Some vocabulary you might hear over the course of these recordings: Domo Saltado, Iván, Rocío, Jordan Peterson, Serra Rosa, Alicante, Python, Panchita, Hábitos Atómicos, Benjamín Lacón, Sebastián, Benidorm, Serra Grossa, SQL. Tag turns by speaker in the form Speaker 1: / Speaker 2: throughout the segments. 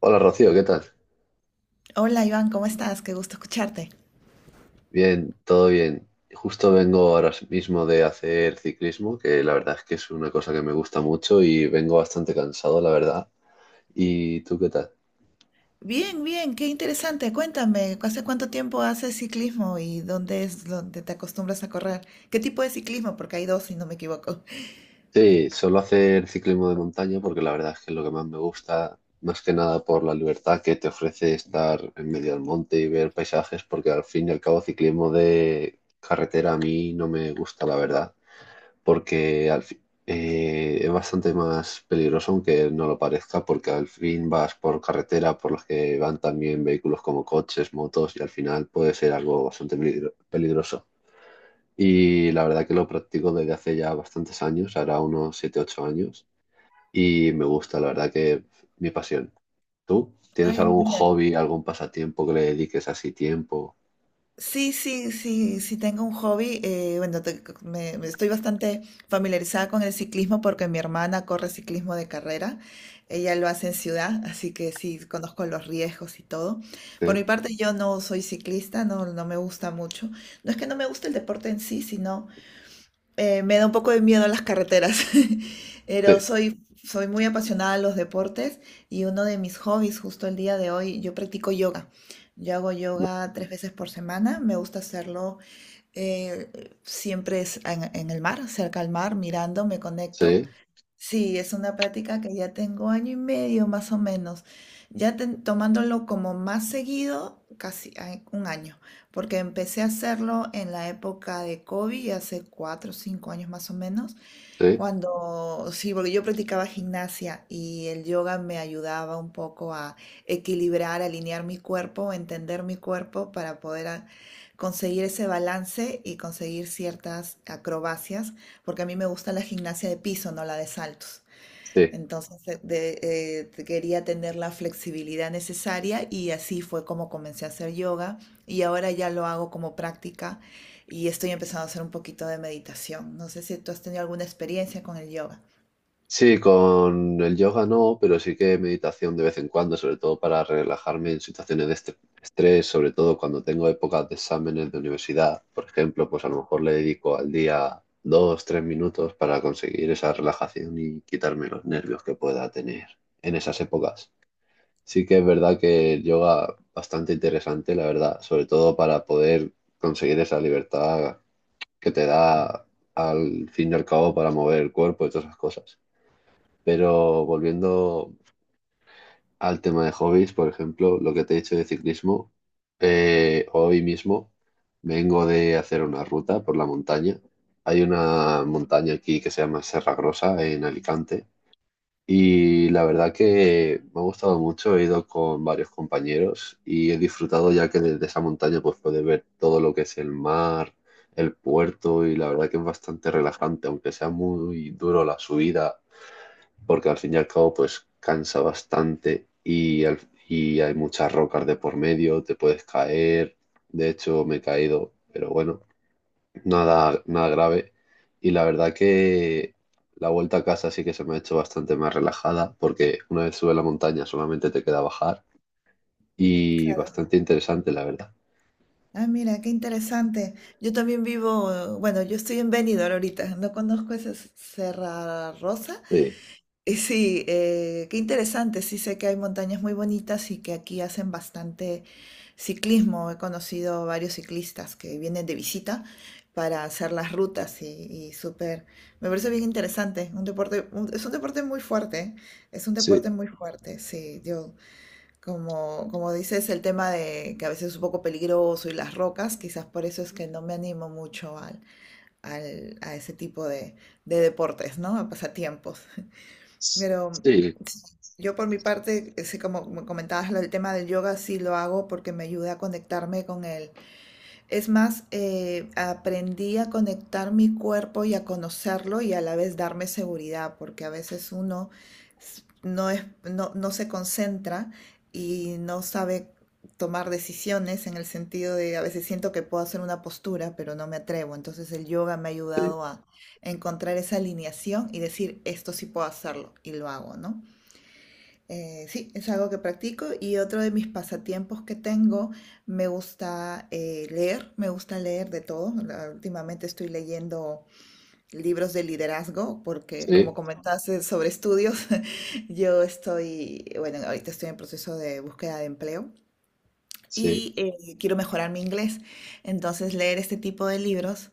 Speaker 1: Hola Rocío, ¿qué tal?
Speaker 2: Hola Iván, ¿cómo estás? Qué gusto escucharte.
Speaker 1: Bien, todo bien. Justo vengo ahora mismo de hacer ciclismo, que la verdad es que es una cosa que me gusta mucho y vengo bastante cansado, la verdad. ¿Y tú qué tal?
Speaker 2: Bien, bien, qué interesante. Cuéntame, ¿hace cuánto tiempo haces ciclismo y dónde es donde te acostumbras a correr? ¿Qué tipo de ciclismo? Porque hay dos, si no me equivoco.
Speaker 1: Sí, solo hacer ciclismo de montaña porque la verdad es que es lo que más me gusta, más que nada por la libertad que te ofrece estar en medio del monte y ver paisajes, porque al fin y al cabo ciclismo de carretera a mí no me gusta, la verdad. porque al fi- es bastante más peligroso, aunque no lo parezca, porque al fin vas por carretera por las que van también vehículos como coches, motos, y al final puede ser algo bastante peligroso. Y la verdad que lo practico desde hace ya bastantes años, ahora unos 7 u 8 años, y me gusta, la verdad que mi pasión. ¿Tú tienes
Speaker 2: Ay,
Speaker 1: algún
Speaker 2: mira,
Speaker 1: hobby, algún pasatiempo que le dediques así tiempo?
Speaker 2: sí, sí, sí, sí tengo un hobby. Me estoy bastante familiarizada con el ciclismo porque mi hermana corre ciclismo de carrera. Ella lo hace en ciudad, así que sí, conozco los riesgos y todo. Por
Speaker 1: Sí,
Speaker 2: mi parte, yo no soy ciclista, no, no me gusta mucho. No es que no me guste el deporte en sí, me da un poco de miedo las carreteras, pero
Speaker 1: sí,
Speaker 2: soy muy apasionada a los deportes y uno de mis hobbies justo el día de hoy, yo practico yoga. Yo hago
Speaker 1: no,
Speaker 2: yoga tres veces por semana, me gusta hacerlo, eh, siempre es en el mar, cerca al mar, mirando, me conecto.
Speaker 1: sí,
Speaker 2: Sí, es una práctica que ya tengo año y medio más o menos, ya tomándolo como más seguido, casi ay, un año, porque empecé a hacerlo en la época de COVID, hace cuatro o cinco años más o menos,
Speaker 1: sí,
Speaker 2: cuando, sí, porque yo practicaba gimnasia y el yoga me ayudaba un poco a equilibrar, alinear mi cuerpo, entender mi cuerpo para conseguir ese balance y conseguir ciertas acrobacias, porque a mí me gusta la gimnasia de piso, no la de saltos.
Speaker 1: sí.
Speaker 2: Entonces eh, de- quería tener la flexibilidad necesaria y así fue como comencé a hacer yoga y ahora ya lo hago como práctica y estoy empezando a hacer un poquito de meditación. No sé si tú has tenido alguna experiencia con el yoga.
Speaker 1: Sí, con el yoga no, pero sí que meditación de vez en cuando, sobre todo para relajarme en situaciones de estrés, sobre todo cuando tengo épocas de exámenes de universidad, por ejemplo, pues a lo mejor le dedico al día 2, 3 minutos para conseguir esa relajación y quitarme los nervios que pueda tener en esas épocas. Sí que es verdad que el yoga bastante interesante, la verdad, sobre todo para poder conseguir esa libertad que te da al fin y al cabo para mover el cuerpo y todas esas cosas. Pero volviendo al tema de hobbies, por ejemplo, lo que te he dicho de ciclismo, hoy mismo vengo de hacer una ruta por la montaña. Hay una montaña aquí que se llama Serra Grossa en Alicante y la verdad que me ha gustado mucho. He ido con varios compañeros y he disfrutado ya que desde esa montaña pues puedes ver todo lo que es el mar, el puerto y la verdad que es bastante relajante, aunque sea muy duro la subida porque al fin y al cabo pues cansa bastante y hay muchas rocas de por medio, te puedes caer, de hecho me he caído, pero bueno, nada, nada grave. Y la verdad que la vuelta a casa sí que se me ha hecho bastante más relajada, porque una vez sube la montaña solamente te queda bajar y bastante interesante, la verdad.
Speaker 2: Ah, mira, qué interesante. Yo también vivo, bueno, yo estoy en Benidorm ahorita, no conozco esa Serra Rosa.
Speaker 1: Sí,
Speaker 2: Y sí, qué interesante. Sí sé que hay montañas muy bonitas y que aquí hacen bastante ciclismo. He conocido varios ciclistas que vienen de visita para hacer las rutas y súper, me parece bien interesante. Un deporte, es un deporte muy fuerte, ¿eh? Es un
Speaker 1: sí,
Speaker 2: deporte muy fuerte. Sí, yo como como dices el tema de que a veces es un poco peligroso y las rocas, quizás por eso es que no me animo mucho a ese tipo de deportes, ¿no? A pasatiempos.
Speaker 1: sí,
Speaker 2: Pero yo por mi parte, sí, como como comentabas, el tema del yoga sí lo hago porque me ayuda a conectarme con el, es más, aprendí a conectar mi cuerpo y a conocerlo y a la vez darme seguridad, porque a veces uno no es, no, no se concentra y no sabe tomar decisiones en el sentido de a veces siento que puedo hacer una postura, pero no me atrevo. Entonces el yoga me ha
Speaker 1: sí,
Speaker 2: ayudado a encontrar esa alineación y decir, esto sí puedo hacerlo y lo hago, ¿no? Sí, es algo que practico y otro de mis pasatiempos que tengo, me gusta leer, me gusta leer de todo. Últimamente estoy leyendo libros de liderazgo porque, como
Speaker 1: sí,
Speaker 2: comentaste sobre estudios, yo estoy, bueno, ahorita estoy en proceso de búsqueda de empleo
Speaker 1: sí,
Speaker 2: y quiero mejorar mi inglés. Entonces, leer este tipo de libros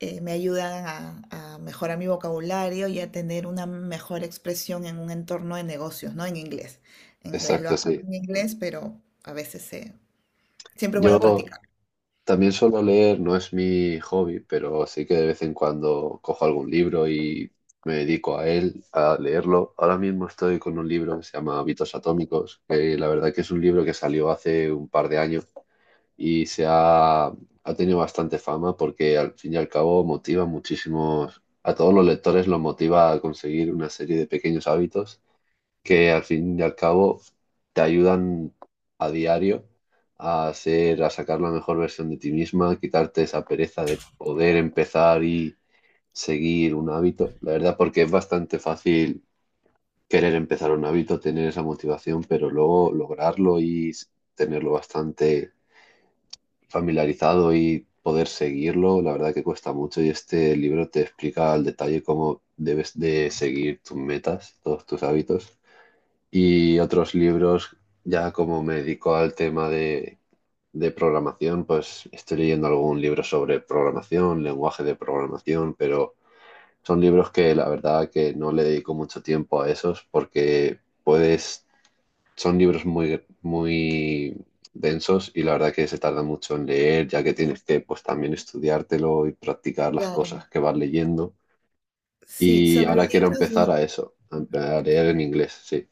Speaker 2: me ayudan a mejorar mi vocabulario y a tener una mejor expresión en un entorno de negocios, ¿no? En inglés. En inglés lo
Speaker 1: exacto,
Speaker 2: hablo
Speaker 1: sí.
Speaker 2: en inglés, pero a veces siempre es bueno
Speaker 1: Yo...
Speaker 2: practicar.
Speaker 1: también suelo leer, no es mi hobby, pero sí que de vez en cuando cojo algún libro y me dedico a él, a leerlo. Ahora mismo estoy con un libro que se llama Hábitos Atómicos, que la verdad que es un libro que salió hace un par de años y se ha, ha tenido bastante fama porque al fin y al cabo motiva muchísimos, a todos los lectores los motiva a conseguir una serie de pequeños hábitos que al fin y al cabo te ayudan a diario a hacer, a sacar la mejor versión de ti misma, quitarte esa pereza de poder empezar y seguir un hábito. La verdad, porque es bastante fácil querer empezar un hábito, tener esa motivación, pero luego lograrlo y tenerlo bastante familiarizado y poder seguirlo, la verdad que cuesta mucho y este libro te explica al detalle cómo debes de seguir tus metas, todos tus hábitos y otros libros, ya como me dedico al tema de programación, pues estoy leyendo algún libro sobre programación, lenguaje de programación, pero son libros que la verdad que no le dedico mucho tiempo a esos porque puedes, son libros muy, muy densos y la verdad que se tarda mucho en leer, ya que tienes que pues también estudiártelo y practicar las
Speaker 2: Claro.
Speaker 1: cosas que vas leyendo.
Speaker 2: Sí,
Speaker 1: Y
Speaker 2: sobre
Speaker 1: ahora quiero
Speaker 2: libros
Speaker 1: empezar
Speaker 2: de...
Speaker 1: a eso, a leer en inglés, sí.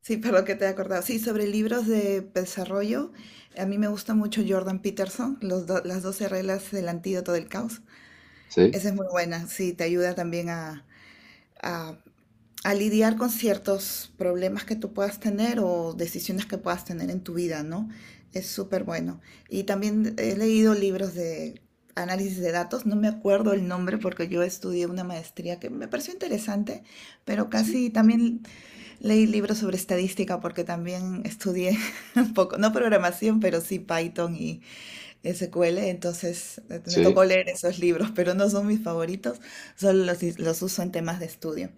Speaker 2: Sí, perdón que te he acordado. Sí, sobre libros de desarrollo, a mí me gusta mucho Jordan Peterson, los las 12 reglas del antídoto del caos.
Speaker 1: ¿Sí?
Speaker 2: Esa es muy buena, sí, te ayuda también a a lidiar con ciertos problemas que tú puedas tener o decisiones que puedas tener en tu vida, ¿no? Es súper bueno. Y también he leído libros de análisis de datos, no me acuerdo el nombre porque yo estudié una maestría que me pareció interesante, pero
Speaker 1: Sí.
Speaker 2: casi también leí libros sobre estadística porque también estudié un poco, no programación, pero sí Python y SQL, entonces me
Speaker 1: Sí.
Speaker 2: tocó leer esos libros, pero no son mis favoritos, los uso en temas de estudio.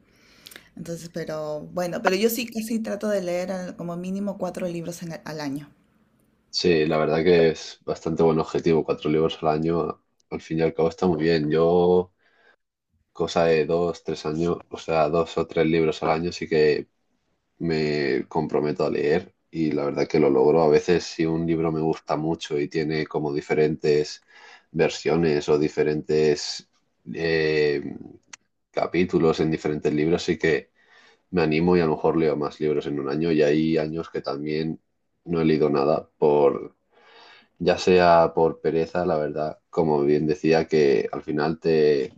Speaker 2: Entonces, pero bueno, pero yo sí casi trato de leer como mínimo cuatro libros al año.
Speaker 1: Sí, la verdad que es bastante buen objetivo. Cuatro libros al año, al fin y al cabo, está muy bien. Yo, cosa de 2, 3 años, o sea, dos o tres libros al año, sí que me comprometo a leer y la verdad que lo logro. A veces, si un libro me gusta mucho y tiene como diferentes versiones o diferentes eh, capítulos en diferentes libros, sí que me animo y a lo mejor leo más libros en un año. Y hay años que también no he leído nada por ya sea por pereza, la verdad, como bien decía, que al final te,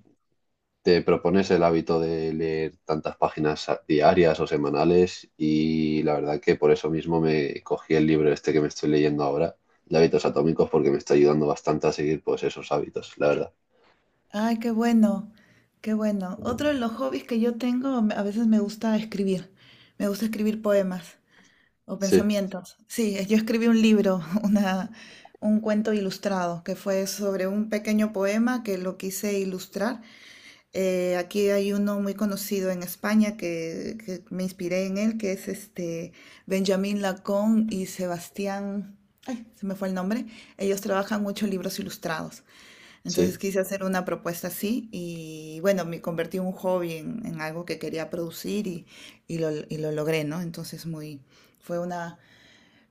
Speaker 1: te propones el hábito de leer tantas páginas diarias o semanales y la verdad que por eso mismo me cogí el libro este que me estoy leyendo ahora, de hábitos atómicos, porque me está ayudando bastante a seguir pues esos hábitos, la verdad.
Speaker 2: Ay, qué bueno, qué bueno. Otro de los hobbies que yo tengo, a veces me gusta escribir. Me gusta escribir poemas o
Speaker 1: Sí,
Speaker 2: pensamientos. Sí, yo escribí un libro, una, un cuento ilustrado, que fue sobre un pequeño poema que lo quise ilustrar. Aquí hay uno muy conocido en España que me inspiré en él, que es este Benjamín Lacón y Sebastián, ay, se me fue el nombre. Ellos trabajan mucho libros ilustrados. Entonces
Speaker 1: sí.
Speaker 2: quise hacer una propuesta así y bueno, me convertí un hobby en algo que quería producir y, y lo logré, ¿no? Entonces muy, fue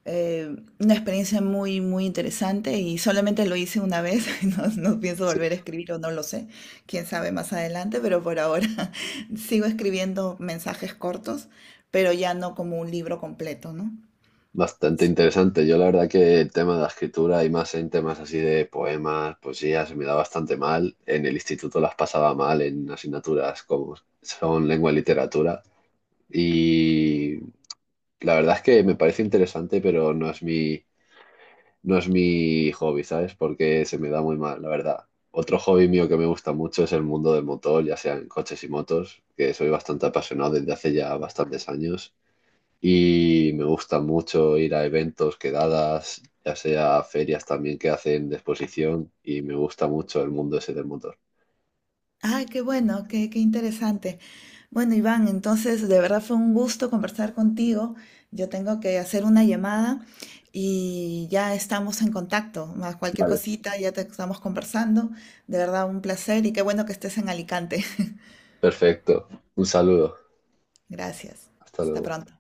Speaker 2: una experiencia muy, muy interesante y solamente lo hice una vez, no, no pienso
Speaker 1: Sí.
Speaker 2: volver a escribir o no lo sé, quién sabe más adelante, pero por ahora sigo escribiendo mensajes cortos, pero ya no como un libro completo, ¿no?
Speaker 1: Bastante
Speaker 2: Sí.
Speaker 1: interesante. Yo la verdad que el tema de la escritura y más en temas así de poemas, poesía, se me da bastante mal. En el instituto las pasaba mal en asignaturas como son lengua y literatura. Y la verdad es que me parece interesante, pero no es mi, no es mi hobby, ¿sabes? Porque se me da muy mal, la verdad. Otro hobby mío que me gusta mucho es el mundo del motor, ya sean coches y motos, que soy bastante apasionado desde hace ya bastantes años. Y me gusta mucho ir a eventos, quedadas, ya sea ferias también que hacen de exposición. Y me gusta mucho el mundo ese del motor.
Speaker 2: Ay, qué bueno, qué, qué interesante. Bueno, Iván, entonces de verdad fue un gusto conversar contigo. Yo tengo que hacer una llamada y ya estamos en contacto. Más cualquier
Speaker 1: Vale.
Speaker 2: cosita, ya te estamos conversando. De verdad, un placer y qué bueno que estés en Alicante.
Speaker 1: Perfecto. Un saludo.
Speaker 2: Gracias.
Speaker 1: Hasta
Speaker 2: Hasta
Speaker 1: luego.
Speaker 2: pronto.